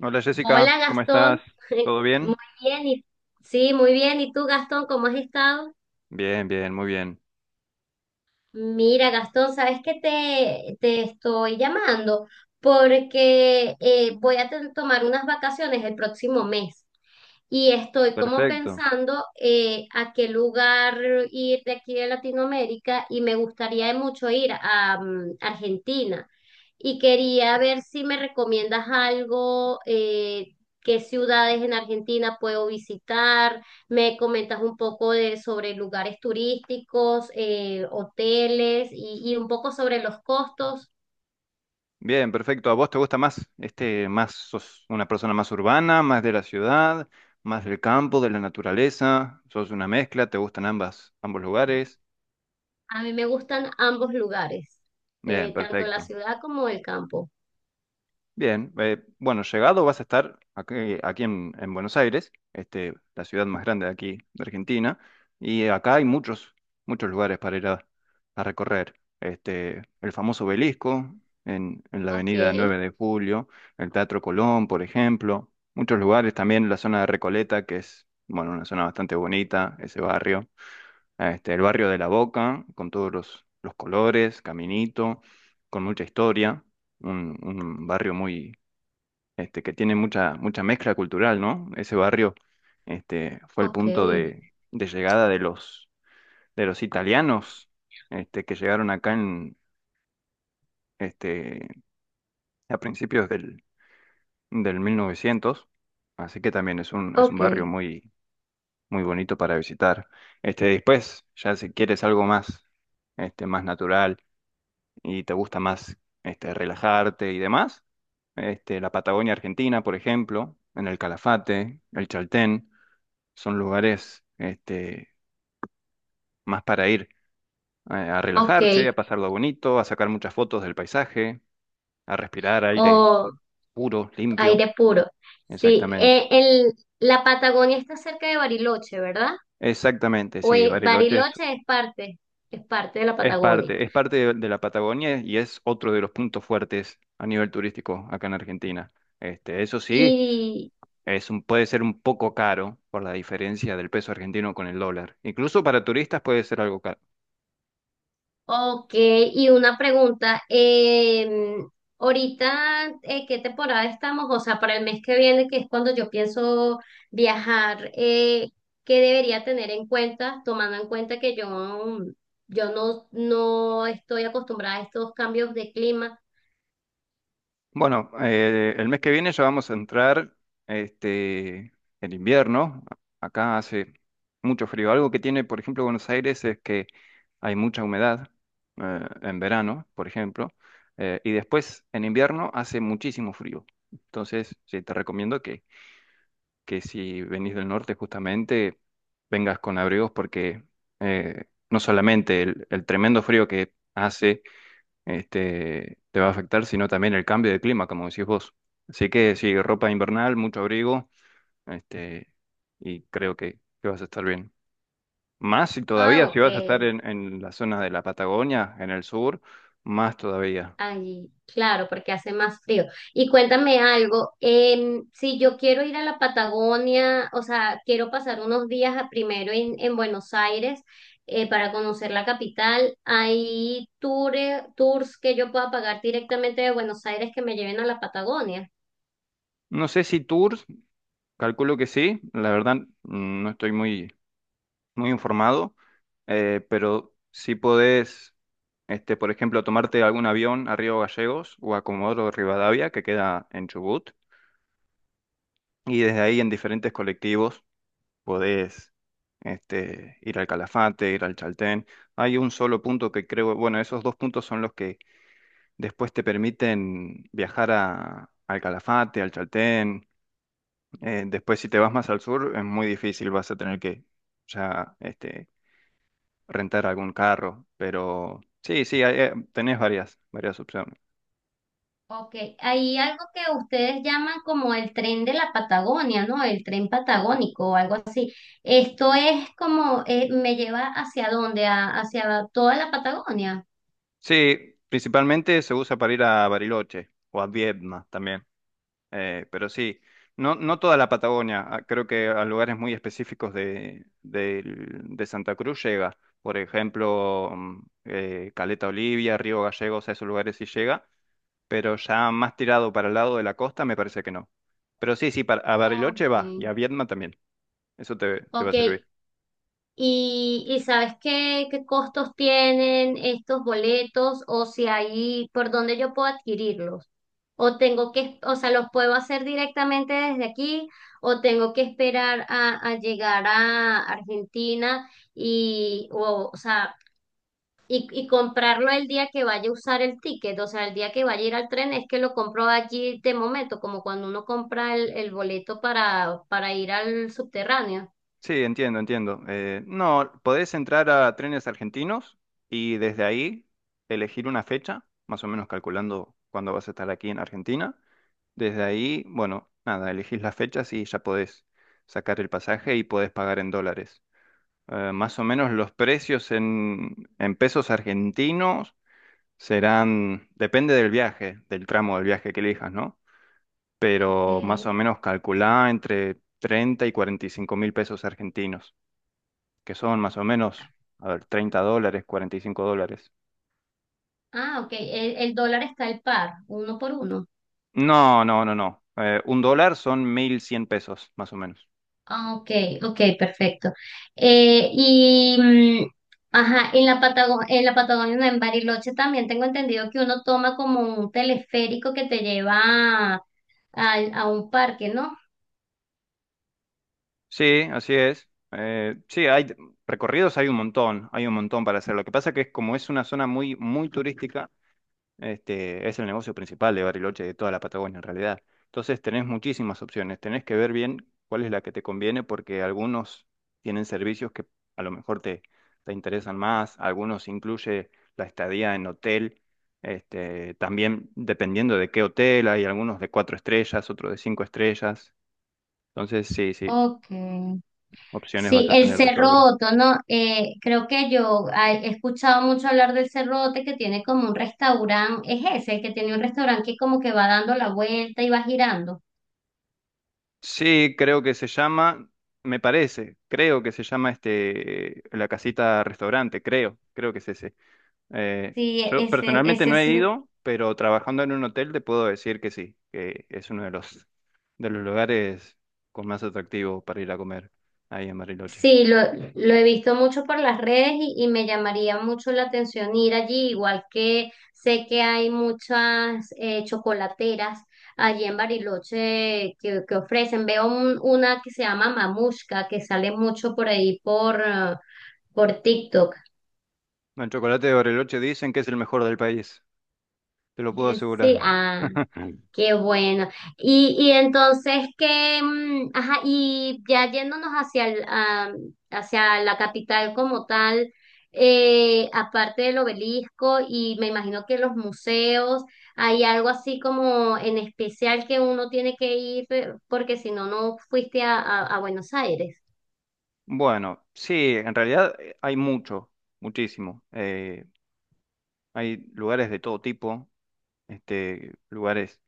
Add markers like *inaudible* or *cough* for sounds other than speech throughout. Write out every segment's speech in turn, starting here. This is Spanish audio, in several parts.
Hola Jessica, Hola ¿cómo estás? Gastón, *laughs* ¿Todo muy bien? bien, sí, muy bien. ¿Y tú, Gastón, cómo has estado? Bien, bien, muy bien. Mira, Gastón, ¿sabes qué te estoy llamando? Porque voy a tomar unas vacaciones el próximo mes y estoy como Perfecto. pensando, a qué lugar ir de aquí de Latinoamérica, y me gustaría mucho ir a Argentina, y quería ver si me recomiendas algo. ¿Qué ciudades en Argentina puedo visitar? Me comentas un poco sobre lugares turísticos, hoteles y un poco sobre los costos. Bien, perfecto. ¿A vos te gusta más más sos una persona más urbana, más de la ciudad, más del campo, de la naturaleza? ¿Sos una mezcla? ¿Te gustan ambas, ambos lugares? A mí me gustan ambos lugares, Bien, tanto la perfecto. ciudad como el campo. Bien, bueno, llegado vas a estar aquí, aquí en Buenos Aires, la ciudad más grande de aquí de Argentina, y acá hay muchos, muchos lugares para ir a recorrer. El famoso Obelisco en la Ok, avenida 9 de Julio, el Teatro Colón, por ejemplo, muchos lugares, también la zona de Recoleta, que es, bueno, una zona bastante bonita, ese barrio, el barrio de La Boca, con todos los colores, caminito, con mucha historia, un barrio muy que tiene mucha, mucha mezcla cultural, ¿no? Ese barrio, fue el ok, punto de llegada de los italianos, que llegaron acá en, este, a principios del 1900, así que también es un ok, barrio muy, muy bonito para visitar. Después, ya si quieres algo más, más natural y te gusta más, relajarte y demás, la Patagonia Argentina, por ejemplo, en el Calafate, el Chaltén. Son lugares más para ir a ok. relajarse, a pasarlo bonito, a sacar muchas fotos del paisaje, a respirar aire O puro, limpio. aire puro. Sí, Exactamente. La Patagonia está cerca de Bariloche, ¿verdad? Exactamente, O sí, Bariloche es, Bariloche es es parte de la es Patagonia. parte, es parte de la Patagonia y es otro de los puntos fuertes a nivel turístico acá en Argentina. Eso sí, Y puede ser un poco caro por la diferencia del peso argentino con el dólar. Incluso para turistas puede ser algo caro. ok, y una pregunta, ahorita, ¿qué temporada estamos? O sea, para el mes que viene, que es cuando yo pienso viajar, ¿qué debería tener en cuenta, tomando en cuenta que yo, yo no estoy acostumbrada a estos cambios de clima? Bueno, el mes que viene ya vamos a entrar este, el invierno. Acá hace mucho frío. Algo que tiene, por ejemplo, Buenos Aires es que hay mucha humedad en verano, por ejemplo, y después en invierno hace muchísimo frío. Entonces, sí, te recomiendo que si venís del norte justamente vengas con abrigos porque eh, no solamente el tremendo frío que hace te va a afectar, sino también el cambio de clima, como decís vos. Así que sí, ropa invernal, mucho abrigo, este, y creo que vas a estar bien. Más si Ah, todavía, si vas a estar ok. en la zona de la Patagonia, en el sur, más todavía. Allí, claro, porque hace más frío. Y cuéntame algo, si yo quiero ir a la Patagonia, o sea, quiero pasar unos días primero en Buenos Aires, para conocer la capital. ¿Hay tours que yo pueda pagar directamente de Buenos Aires que me lleven a la Patagonia? No sé si tours, calculo que sí, la verdad no estoy muy, muy informado, pero si podés, por ejemplo, tomarte algún avión a Río Gallegos o a Comodoro Rivadavia, que queda en Chubut, y desde ahí en diferentes colectivos podés ir al Calafate, ir al Chaltén. Hay un solo punto que creo, bueno, esos dos puntos son los que después te permiten viajar al Calafate, al Chaltén. Después si te vas más al sur es muy difícil, vas a tener que ya rentar algún carro. Pero sí, sí, tenés varias, varias opciones. Ok, hay algo que ustedes llaman como el tren de la Patagonia, ¿no? El tren patagónico o algo así. Esto es como, ¿me lleva hacia dónde? Hacia toda la Patagonia? Sí, principalmente se usa para ir a Bariloche o a Viedma también. Pero sí, no, no toda la Patagonia, ah, creo que a lugares muy específicos de Santa Cruz llega. Por ejemplo, Caleta Olivia, Río Gallegos, a esos lugares sí llega, pero ya más tirado para el lado de la costa me parece que no. Pero sí, sí, a Bariloche va y Okay, a Viedma también, eso te va a okay. servir. Y sabes qué costos tienen estos boletos o si hay por dónde yo puedo adquirirlos? ¿O tengo que, o sea, los puedo hacer directamente desde aquí o tengo que esperar a llegar a Argentina o sea, y comprarlo el día que vaya a usar el ticket? O sea, el día que vaya a ir al tren es que lo compro allí de momento, como cuando uno compra el boleto para ir al subterráneo. Sí, entiendo, entiendo. No, podés entrar a Trenes Argentinos y desde ahí elegir una fecha, más o menos calculando cuándo vas a estar aquí en Argentina. Desde ahí, bueno, nada, elegís las fechas y ya podés sacar el pasaje y podés pagar en dólares. Más o menos los precios en pesos argentinos serán, depende del viaje, del tramo del viaje que elijas, ¿no? Ok. Pero más o menos calculá entre 30 y 45 mil pesos argentinos, que son más o menos, a ver, $30, $45. Ah, ok. El dólar está al par, uno por uno. No, no, no, no. Un dólar son 1.100 pesos, más o menos. Ah, ok, ok, perfecto. Eh, y, mm, ajá, en la en la Patagonia, no, en Bariloche también tengo entendido que uno toma como un teleférico que te lleva a un parque, ¿no? Sí, así es. Sí, hay recorridos, hay un montón para hacer. Lo que pasa que es como es una zona muy, muy turística, es el negocio principal de Bariloche, de toda la Patagonia en realidad. Entonces tenés muchísimas opciones, tenés que ver bien cuál es la que te conviene, porque algunos tienen servicios que a lo mejor te interesan más, algunos incluye la estadía en hotel, también dependiendo de qué hotel, hay algunos de cuatro estrellas, otros de cinco estrellas. Entonces, sí, sí. Ok. Opciones Sí, vas a el tener de sobra. Cerroto, ¿no? Creo que yo, he escuchado mucho hablar del Cerrote, que tiene como un restaurante. Es ese, el que tiene un restaurante que como que va dando la vuelta y va girando. Sí, creo que se llama, me parece, creo que se llama la casita restaurante, creo que es ese. Sí, Yo personalmente ese no es, he ido, pero trabajando en un hotel te puedo decir que sí, que es uno de los lugares con más atractivo para ir a comer ahí en Bariloche. sí, lo he visto mucho por las redes, y me llamaría mucho la atención ir allí, igual que sé que hay muchas, chocolateras allí en Bariloche que ofrecen. Veo una que se llama Mamushka, que sale mucho por ahí por TikTok. Bueno, el chocolate de Bariloche dicen que es el mejor del país, te lo puedo Sí, asegurar. ah, *laughs* qué bueno. Y entonces que, ajá, y ya yéndonos hacia el, hacia la capital como tal, aparte del obelisco y me imagino que los museos, hay algo así como en especial que uno tiene que ir, porque si no, no fuiste a Buenos Aires. Bueno, sí, en realidad hay mucho, muchísimo. Hay lugares de todo tipo, lugares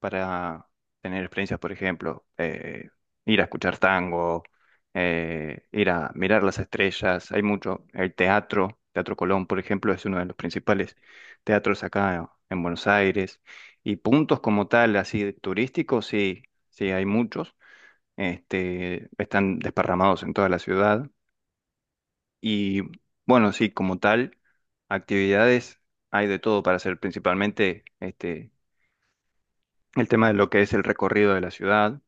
para tener experiencias, por ejemplo, ir a escuchar tango, ir a mirar las estrellas, hay mucho. El teatro, Teatro Colón, por ejemplo, es uno de los principales teatros acá en Buenos Aires. Y puntos como tal, así turísticos, sí, sí, hay muchos. Están desparramados en toda la ciudad. Y bueno, sí, como tal, actividades hay de todo para hacer, principalmente el tema de lo que es el recorrido de la ciudad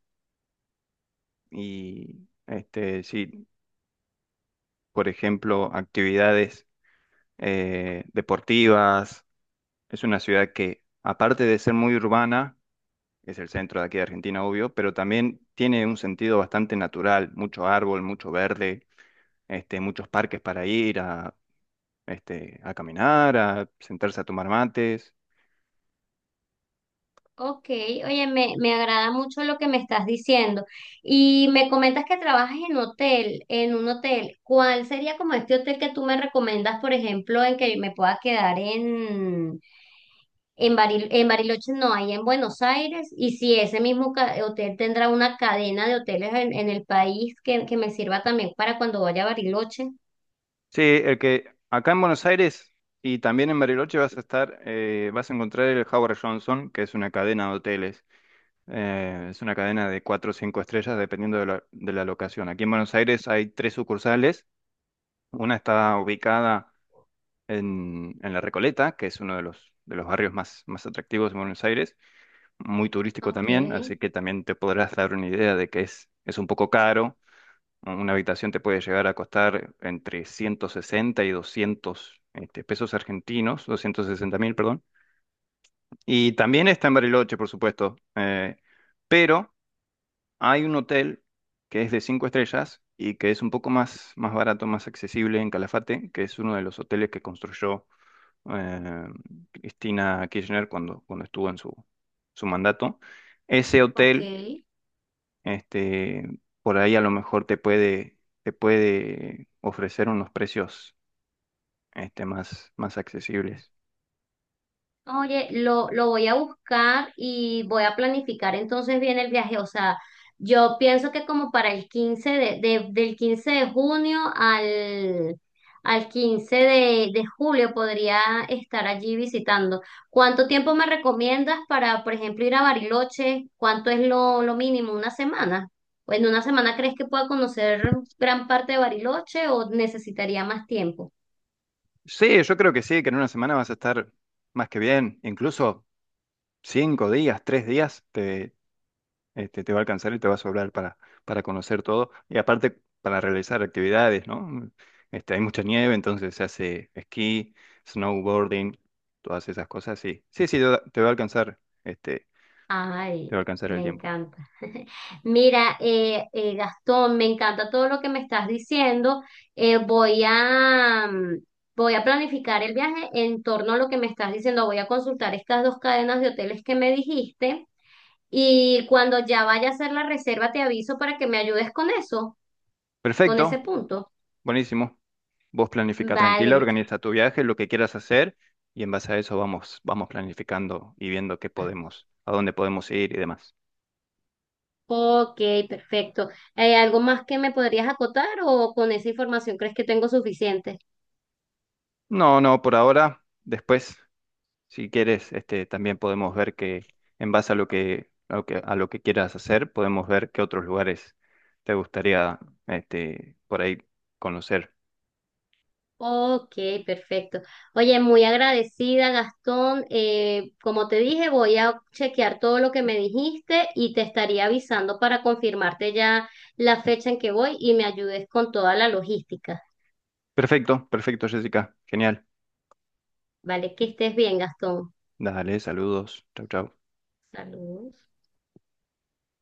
y sí, por ejemplo, actividades deportivas. Es una ciudad que, aparte de ser muy urbana, es el centro de aquí de Argentina, obvio, pero también tiene un sentido bastante natural, mucho árbol, mucho verde, muchos parques para ir a caminar, a sentarse a tomar mates. Ok, oye, me agrada mucho lo que me estás diciendo. Y me comentas que trabajas en hotel, en un hotel. ¿Cuál sería como este hotel que tú me recomiendas, por ejemplo, en que me pueda quedar en en Bariloche, no, ahí en Buenos Aires? Y si ese mismo hotel tendrá una cadena de hoteles en el país que me sirva también para cuando vaya a Bariloche. Sí, el que acá en Buenos Aires y también en Bariloche vas a estar, vas a encontrar el Howard Johnson, que es una cadena de hoteles. Es una cadena de cuatro o cinco estrellas dependiendo de la locación. Aquí en Buenos Aires hay tres sucursales. Una está ubicada en La Recoleta, que es uno de los barrios más, más atractivos de Buenos Aires, muy turístico Ok, también, así que también te podrás dar una idea de que es un poco caro, ¿no? Una habitación te puede llegar a costar entre 160 y 200 pesos argentinos, 260 mil, perdón. Y también está en Bariloche, por supuesto. Pero hay un hotel que es de cinco estrellas y que es un poco más, más barato, más accesible en Calafate, que es uno de los hoteles que construyó eh, Cristina Kirchner cuando estuvo en su mandato. Ese ok. hotel este, por ahí a lo mejor te puede ofrecer unos precios más, más accesibles. Oye, lo voy a buscar y voy a planificar entonces bien el viaje. O sea, yo pienso que como para el 15 de- del 15 de junio al 15 de julio podría estar allí visitando. ¿Cuánto tiempo me recomiendas para, por ejemplo, ir a Bariloche? ¿Cuánto es lo mínimo? ¿Una semana? ¿O en una semana crees que pueda conocer gran parte de Bariloche o necesitaría más tiempo? Sí, yo creo que sí, que en una semana vas a estar más que bien, incluso 5 días, 3 días, te va a alcanzar y te va a sobrar para conocer todo. Y aparte, para realizar actividades, ¿no? Hay mucha nieve, entonces se hace esquí, snowboarding, todas esas cosas, sí. Sí, sí, te va a alcanzar, este, te va Ay, a alcanzar el me tiempo. encanta. *laughs* Mira, Gastón, me encanta todo lo que me estás diciendo. Voy a, voy a planificar el viaje en torno a lo que me estás diciendo. Voy a consultar estas dos cadenas de hoteles que me dijiste y cuando ya vaya a hacer la reserva te aviso para que me ayudes con eso, con ese Perfecto, punto. buenísimo. Vos planifica tranquila, Vale, organiza tu viaje, lo que quieras hacer y en base a eso vamos planificando y viendo qué podemos, a dónde podemos ir y demás. ok, perfecto. ¿Hay algo más que me podrías acotar o con esa información crees que tengo suficiente? No, no, por ahora, después, si quieres, también podemos ver que en base a lo que, a lo que quieras hacer, podemos ver qué otros lugares te gustaría, por ahí conocer. Ok, perfecto. Oye, muy agradecida, Gastón. Como te dije, voy a chequear todo lo que me dijiste y te estaría avisando para confirmarte ya la fecha en que voy y me ayudes con toda la logística. Perfecto, perfecto, Jessica. Genial. Vale, que estés bien, Gastón. Dale, saludos. Chau, chau. Saludos.